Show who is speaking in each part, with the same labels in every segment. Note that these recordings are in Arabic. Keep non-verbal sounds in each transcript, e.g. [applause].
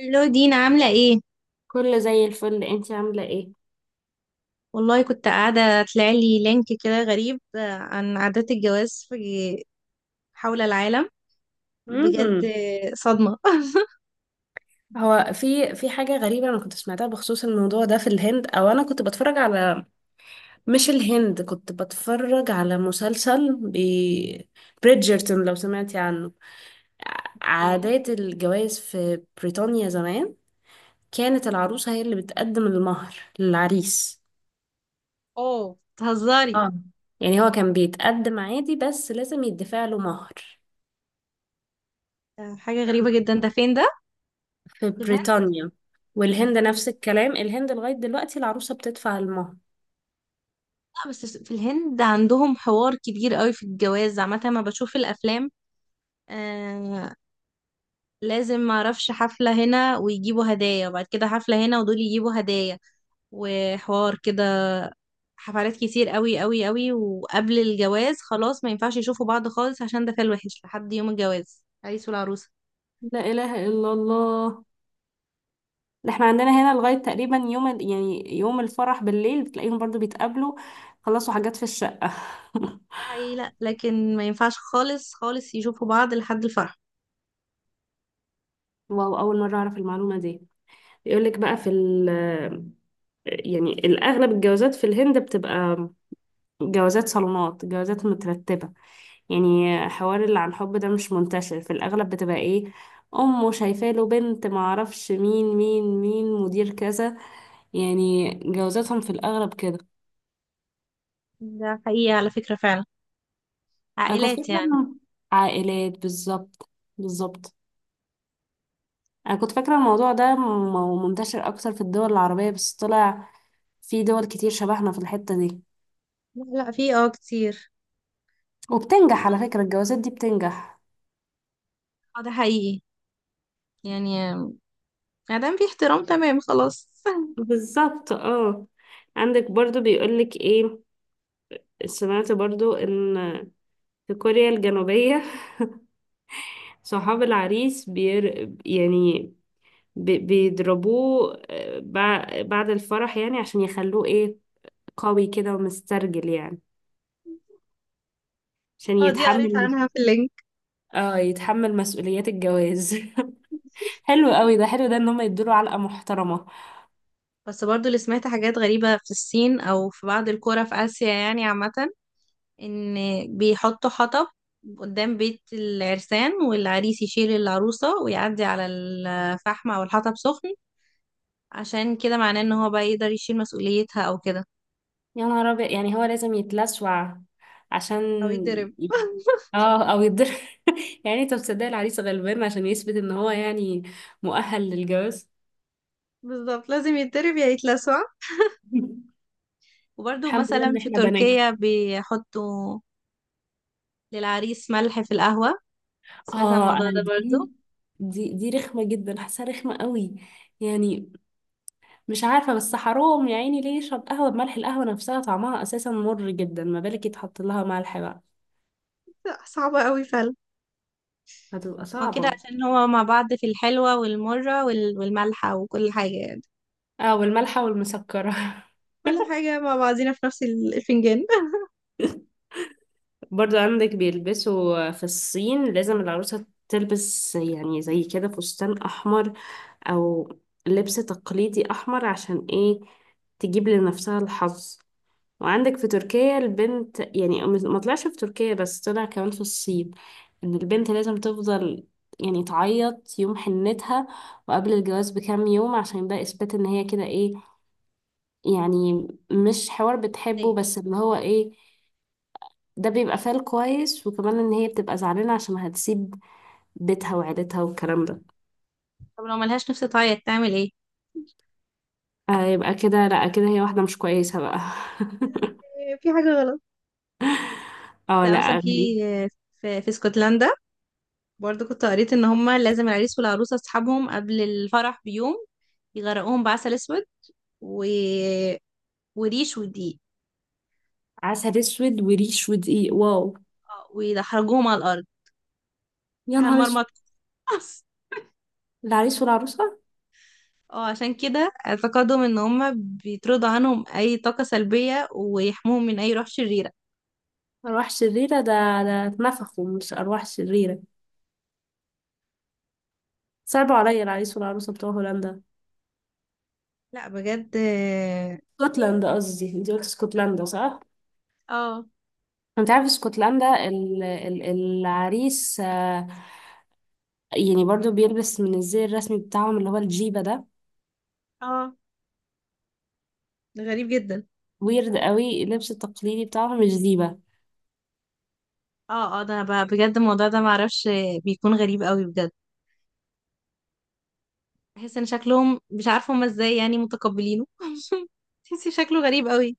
Speaker 1: الو دينا عاملة ايه؟
Speaker 2: كله زي الفل، انتي عاملة ايه؟
Speaker 1: والله كنت قاعدة طلعلي لينك كده غريب، عن عادات الجواز حول العالم بجد.
Speaker 2: امم
Speaker 1: صدمة. [laughs]
Speaker 2: هو في حاجة غريبة أنا كنت سمعتها بخصوص الموضوع ده في الهند، أو أنا كنت بتفرج على، مش الهند، كنت بتفرج على مسلسل بريدجرتون، لو سمعتي عنه.
Speaker 1: ايه.
Speaker 2: عادات الجواز في بريطانيا زمان كانت العروسة هي اللي بتقدم المهر للعريس.
Speaker 1: اوه تهزري.
Speaker 2: اه، يعني هو كان بيتقدم عادي، بس لازم يدفع له مهر.
Speaker 1: حاجة غريبة جدا، ده فين ده؟
Speaker 2: في
Speaker 1: في الهند؟
Speaker 2: بريطانيا. والهند
Speaker 1: بريطانيا؟
Speaker 2: نفس الكلام، الهند لغاية دلوقتي العروسة بتدفع المهر.
Speaker 1: لا بس في الهند عندهم حوار كبير قوي في الجواز عامة ما بشوف الأفلام. آه، لازم معرفش حفلة هنا ويجيبوا هدايا وبعد كده حفلة هنا ودول يجيبوا هدايا وحوار كده. حفلات كتير قوي قوي قوي، وقبل الجواز خلاص ما ينفعش يشوفوا بعض خالص عشان ده كان وحش لحد يوم الجواز العريس والعروسة.
Speaker 2: لا إله إلا الله. ده احنا عندنا هنا لغاية تقريبا يوم يعني يوم الفرح بالليل بتلاقيهم برضو بيتقابلوا، خلصوا حاجات في الشقة. [laughs]
Speaker 1: ده حقيقي، لا لكن ما ينفعش خالص خالص يشوفوا بعض لحد الفرح.
Speaker 2: واو، أول مرة أعرف المعلومة دي. يقولك بقى في ال يعني الأغلب الجوازات في الهند بتبقى جوازات صالونات، جوازات مترتبة. يعني حوار اللي عن حب ده مش منتشر، في الأغلب بتبقى ايه، أمه شايفة له بنت، معرفش مين مين مين مدير كذا. يعني جوازاتهم في الأغلب كده.
Speaker 1: ده حقيقي على فكرة فعلا.
Speaker 2: أنا كنت فاكرة
Speaker 1: عائلات يعني.
Speaker 2: إنه عائلات، بالظبط، بالظبط. أنا كنت فاكرة الموضوع ده منتشر أكتر في الدول العربية، بس طلع في دول كتير شبهنا في الحتة دي.
Speaker 1: لا لا، في كتير. بس
Speaker 2: وبتنجح
Speaker 1: ما-
Speaker 2: على فكرة، الجوازات دي بتنجح.
Speaker 1: اه، ده حقيقي يعني. ما دام في احترام تمام خلاص. [laughs]
Speaker 2: بالظبط، اه. عندك برضو بيقولك ايه، سمعت برضو ان في كوريا الجنوبية صحاب العريس يعني بيضربوه، بعد الفرح يعني عشان يخلوه ايه، قوي كده ومسترجل يعني، عشان
Speaker 1: اه دي قريت
Speaker 2: يتحمل،
Speaker 1: عنها في اللينك.
Speaker 2: اه، يتحمل مسؤوليات الجواز. [laughs] حلو قوي ده، حلو ده ان هم يدوله علقة محترمة.
Speaker 1: بس برضو اللي سمعت حاجات غريبة في الصين او في بعض القرى في اسيا يعني عامة، ان بيحطوا حطب قدام بيت العرسان، والعريس يشيل العروسة ويعدي على الفحم او الحطب سخن عشان كده معناه ان هو بقى يقدر يشيل مسؤوليتها او كده.
Speaker 2: يا نهار ابيض، يعني هو لازم يتلسوع عشان
Speaker 1: او يتضرب.
Speaker 2: ي-
Speaker 1: [laughs]
Speaker 2: اه او يتضرب. [laughs] يعني انت بتصدق العريس غلبان عشان يثبت ان هو يعني مؤهل للجواز.
Speaker 1: بالظبط، لازم يتضرب يا يتلسع.
Speaker 2: [laughs]
Speaker 1: وبرده
Speaker 2: الحمد لله
Speaker 1: مثلا
Speaker 2: ان
Speaker 1: في
Speaker 2: احنا بنات.
Speaker 1: تركيا بيحطوا للعريس ملح في القهوة. سمعت عن
Speaker 2: اه
Speaker 1: الموضوع
Speaker 2: انا
Speaker 1: ده برضو.
Speaker 2: دي رخمه جدا، حاساها رخمه قوي يعني، مش عارفه بس حرام يا عيني، ليه يشرب قهوه بملح؟ القهوه نفسها طعمها اساسا مر جدا، ما بالك يتحط لها ملح بقى؟
Speaker 1: لأ، صعبة قوي فعلا.
Speaker 2: هتبقى
Speaker 1: هو كده
Speaker 2: صعبه.
Speaker 1: عشان هو مع بعض في الحلوة والمرة والملحة وكل حاجة يعني.
Speaker 2: اه، والملحه والمسكره. [laughs]
Speaker 1: كل حاجة مع بعضينا في نفس الفنجان.
Speaker 2: برضو عندك بيلبسوا في الصين، لازم العروسه تلبس يعني زي كده فستان احمر، او لبس تقليدي احمر، عشان ايه، تجيب لنفسها الحظ. وعندك في تركيا البنت، يعني ما طلعش في تركيا بس طلع كمان في الصين، ان البنت لازم تفضل يعني تعيط يوم حنتها وقبل الجواز بكام يوم، عشان ده اثبات ان هي كده ايه، يعني مش حوار بتحبه،
Speaker 1: [laughs]
Speaker 2: بس اللي هو ايه، ده بيبقى فال كويس، وكمان ان هي بتبقى زعلانة عشان هتسيب بيتها وعيلتها والكلام ده.
Speaker 1: طب لو ملهاش نفس تعيط تعمل ايه؟
Speaker 2: آه يبقى كده، لا كده هي واحدة مش كويسة بقى. [laughs]
Speaker 1: إيه، في حاجة غلط.
Speaker 2: اه،
Speaker 1: لا مثلا
Speaker 2: لا
Speaker 1: في
Speaker 2: غريب.
Speaker 1: في اسكتلندا برضو كنت قريت ان هما لازم العريس والعروسه اصحابهم قبل الفرح بيوم يغرقوهم بعسل اسود و... وريش ودقيق،
Speaker 2: عسل اسود وريش ودقيق، واو.
Speaker 1: ويدحرجوهم على الارض.
Speaker 2: يا نهار اسود،
Speaker 1: هنمرمط. [laughs]
Speaker 2: العريس والعروسة.
Speaker 1: اه عشان كده اعتقادهم ان هما بيطردوا عنهم اي طاقه سلبيه ويحموهم من اي روح شريره.
Speaker 2: أرواح شريرة؟ ده ده اتنفخوا مش أرواح شريرة. صعبوا عليا العريس والعروسة بتوع هولندا،
Speaker 1: لا بجد، اه
Speaker 2: اسكتلندا قصدي، انتي قلت اسكتلندا صح؟
Speaker 1: اه،
Speaker 2: انت عارف اسكتلندا العريس، يعني برضو بيلبس من الزي الرسمي بتاعهم اللي هو الجيبة ده،
Speaker 1: آه، غريب جدا.
Speaker 2: ويرد قوي اللبس التقليدي بتاعهم مش زيبة.
Speaker 1: اه اه ده بجد الموضوع ده معرفش. بيكون غريب قوي بجد. بحس ان شكلهم، مش عارفه هما ازاي يعني متقبلينه. [laughs] تحسي شكله غريب قوي.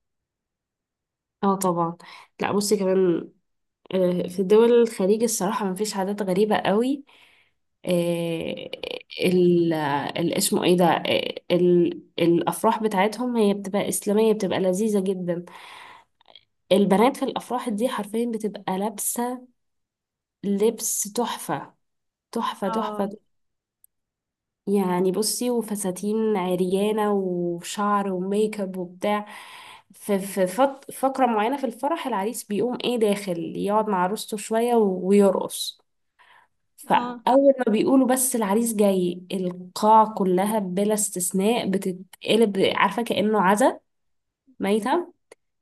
Speaker 2: اه طبعا. لا بصي كمان، في دول الخليج الصراحة مفيش عادات غريبة قوي، آه، اسمه ايه ده، ال الافراح بتاعتهم هي بتبقى اسلاميه، بتبقى لذيذه جدا. البنات في الافراح دي حرفيا بتبقى لابسه لبس تحفه، تحفه
Speaker 1: اه
Speaker 2: تحفه. يعني بصي، وفساتين عريانه وشعر وميك اب وبتاع. فقره معينه في الفرح، العريس بيقوم ايه داخل يقعد مع عروسته شويه ويرقص.
Speaker 1: اه،
Speaker 2: فأول ما بيقولوا بس العريس جاي، القاعة كلها بلا استثناء بتتقلب، عارفة كأنه عزا، ميتة.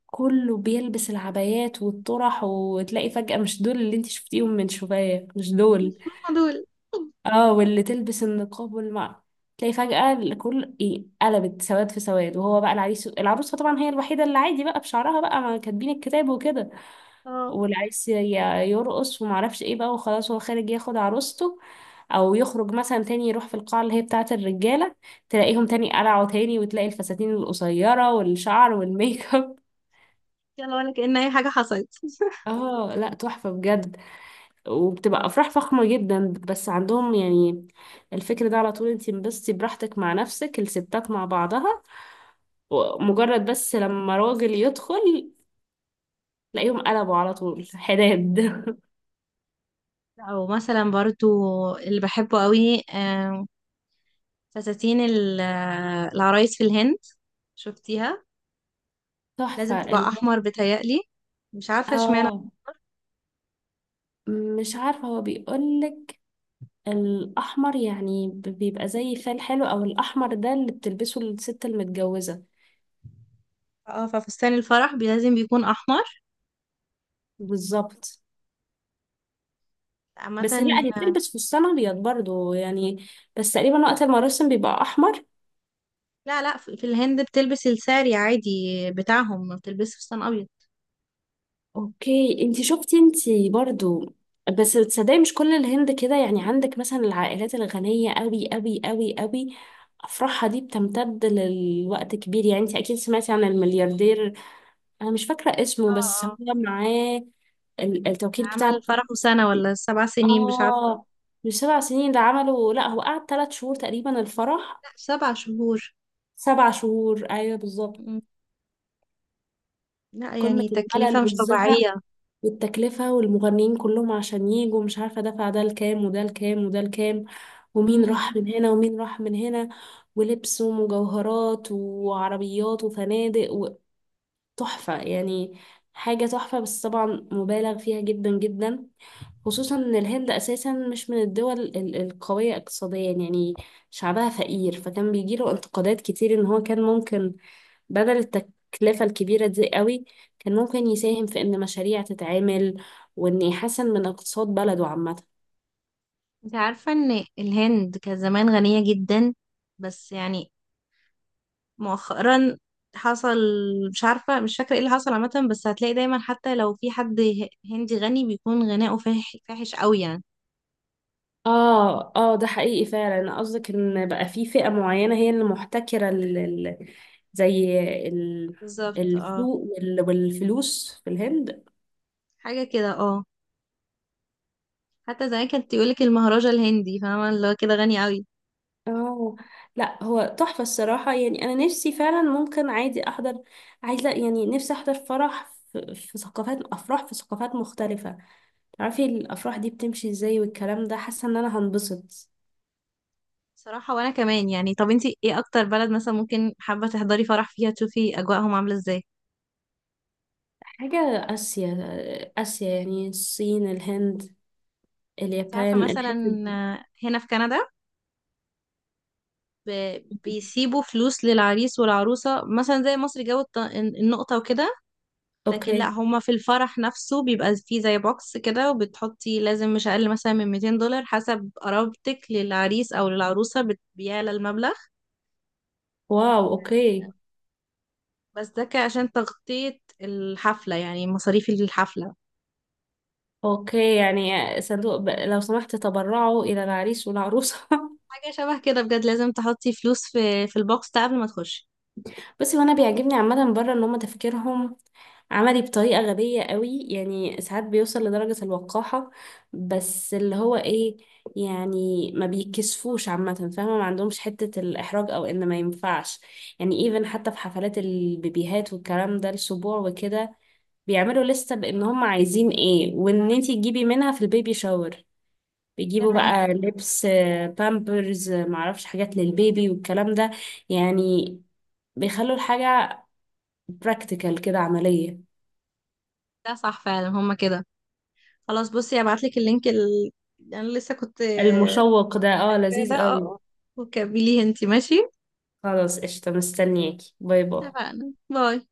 Speaker 2: كله بيلبس العبايات والطرح، وتلاقي فجأة مش دول اللي انت شفتيهم من شوية، مش
Speaker 1: مش
Speaker 2: دول،
Speaker 1: هما دول.
Speaker 2: اه، واللي تلبس النقاب تلاقي فجأة الكل ايه قلبت، سواد في سواد. وهو بقى العريس، العروسة طبعا هي الوحيدة اللي عادي بقى بشعرها بقى، ما كاتبين الكتاب وكده.
Speaker 1: اه،
Speaker 2: واللي عايز يرقص ومعرفش ايه بقى، وخلاص هو خارج ياخد عروسته، او يخرج مثلا تاني يروح في القاعة اللي هي بتاعة الرجالة، تلاقيهم تاني قلعوا تاني، وتلاقي الفساتين القصيرة والشعر والميك اب.
Speaker 1: يلا ولا كأن اي حاجه حصلت.
Speaker 2: [laughs]
Speaker 1: [laughs]
Speaker 2: اه لا تحفة بجد. وبتبقى افراح فخمة جدا بس، عندهم يعني الفكر ده على طول، انتي انبسطي براحتك مع نفسك، الستات مع بعضها، ومجرد بس لما راجل يدخل تلاقيهم قلبوا على طول حداد. [laughs]
Speaker 1: او مثلا برضو اللي بحبه قوي، فساتين العرايس في الهند. شفتيها لازم
Speaker 2: تحفة
Speaker 1: تبقى
Speaker 2: ال-
Speaker 1: احمر بتهيألي. مش عارفه اشمعنى.
Speaker 2: اه، مش عارفة، هو بيقولك الأحمر يعني بيبقى زي فال حلو، أو الأحمر ده اللي بتلبسه الست المتجوزة.
Speaker 1: اه، ففستان الفرح لازم بيكون احمر
Speaker 2: بالظبط.
Speaker 1: عامه.
Speaker 2: بس لا هي بتلبس فستان أبيض برضو يعني، بس تقريبا وقت المراسم بيبقى أحمر.
Speaker 1: لا لا، في الهند بتلبس الساري عادي بتاعهم، ما بتلبسش فستان ابيض.
Speaker 2: أوكي، انتي شفتي، انتي برضو. بس تصدقي مش كل الهند كده يعني، عندك مثلا العائلات الغنية أوي أوي أوي أوي، أفراحها دي بتمتد للوقت كبير. يعني انتي أكيد سمعتي عن الملياردير، انا مش فاكره اسمه،
Speaker 1: اه
Speaker 2: بس هو
Speaker 1: اه،
Speaker 2: معاه التوكيل بتاع
Speaker 1: عمل فرحه
Speaker 2: برنس.
Speaker 1: سنة ولا سبع سنين مش عارفة.
Speaker 2: اه، مش سبع سنين ده عمله، لا هو قعد 3 شهور تقريبا الفرح.
Speaker 1: لا سبع شهور.
Speaker 2: 7 شهور ايوه بالظبط.
Speaker 1: مم. لا
Speaker 2: قمه
Speaker 1: يعني تكلفة
Speaker 2: الملل
Speaker 1: مش
Speaker 2: والزهق
Speaker 1: طبيعية.
Speaker 2: والتكلفه، والمغنيين كلهم عشان يجوا مش عارفه دفع، ده الكام وده الكام وده الكام، ومين
Speaker 1: مم.
Speaker 2: راح من هنا ومين راح من هنا، ولبس ومجوهرات وعربيات وفنادق، تحفة يعني. حاجة تحفة، بس طبعا مبالغ فيها جدا جدا، خصوصا ان الهند اساسا مش من الدول القوية اقتصاديا يعني، شعبها فقير، فكان بيجيله انتقادات كتير ان هو كان ممكن بدل التكلفة الكبيرة دي قوي، كان ممكن يساهم في ان مشاريع تتعمل، وان يحسن من اقتصاد بلده عامة.
Speaker 1: انت عارفة ان الهند كان زمان غنية جدا، بس يعني مؤخرا حصل، مش عارفة مش فاكرة ايه اللي حصل عامة، بس هتلاقي دايما حتى لو في حد هندي غني بيكون غناؤه فاحش قوي يعني.
Speaker 2: اه اه، ده حقيقي فعلا. انا قصدك ان بقى في فئة معينة هي اللي محتكرة زي ال-
Speaker 1: بالظبط اه.
Speaker 2: السوق والفلوس في الهند.
Speaker 1: حاجة كده اه. حتى زمان كانت تقولك المهرجة الهندي فاهمة، اللي هو كده غني قوي.
Speaker 2: اه، لا هو تحفة الصراحة يعني، انا نفسي فعلا ممكن عادي احضر، عايزة يعني، نفسي احضر فرح، في في ثقافات، افراح في ثقافات مختلفة، تعرفي الافراح دي بتمشي ازاي والكلام ده، حاسة ان انا هنبسط.
Speaker 1: صراحة وانا كمان يعني. طب انتي ايه اكتر بلد مثلا ممكن حابة تحضري فرح فيها تشوفي اجواءهم عاملة ازاي؟
Speaker 2: حاجة، آسيا، آسيا يعني الصين الهند
Speaker 1: انت عارفة
Speaker 2: اليابان،
Speaker 1: مثلا،
Speaker 2: الحتت دي.
Speaker 1: هنا في كندا بيسيبوا فلوس للعريس والعروسة مثلا زي مصر جو النقطة وكده. لكن لا،
Speaker 2: اوكي،
Speaker 1: هما في الفرح نفسه بيبقى فيه زي بوكس كده، وبتحطي لازم مش اقل مثلا من $200، حسب قرابتك للعريس او للعروسة بيعلى المبلغ.
Speaker 2: واو، اوكي.
Speaker 1: بس ده كان عشان تغطية الحفلة، يعني مصاريف الحفلة.
Speaker 2: اوكي يعني، صندوق لو سمحت تبرعوا الى العريس والعروسه. [laughs]
Speaker 1: حاجة شبه كده بجد، لازم تحطي فلوس في البوكس ده قبل ما تخشي.
Speaker 2: بس وانا بيعجبني عامه بره ان هم تفكيرهم عملي، بطريقه غبيه قوي يعني، ساعات بيوصل لدرجه الوقاحه، بس اللي هو ايه يعني، ما بيكسفوش عامه، فاهمه، ما عندهمش حته الاحراج، او ان ما ينفعش. يعني ايفن حتى في حفلات البيبيهات والكلام ده، السبوع وكده، بيعملوا لستة بان هم عايزين ايه، وان انتي تجيبي منها في البيبي شاور،
Speaker 1: ده
Speaker 2: بيجيبوا
Speaker 1: حقيقي.
Speaker 2: بقى لبس، بامبرز، معرفش، حاجات للبيبي والكلام ده. يعني بيخلوا الحاجة براكتيكال كده، عملية.
Speaker 1: ده صح فعلا، هما كده. خلاص بصي هبعتلك اللينك انا لسه كنت
Speaker 2: المشوق ده، اه،
Speaker 1: شايفاه ده.
Speaker 2: لذيذ قوي.
Speaker 1: اه وكمليه انتي ماشي.
Speaker 2: خلاص قشطة، مستنياكي، باي باي.
Speaker 1: اتفقنا، باي.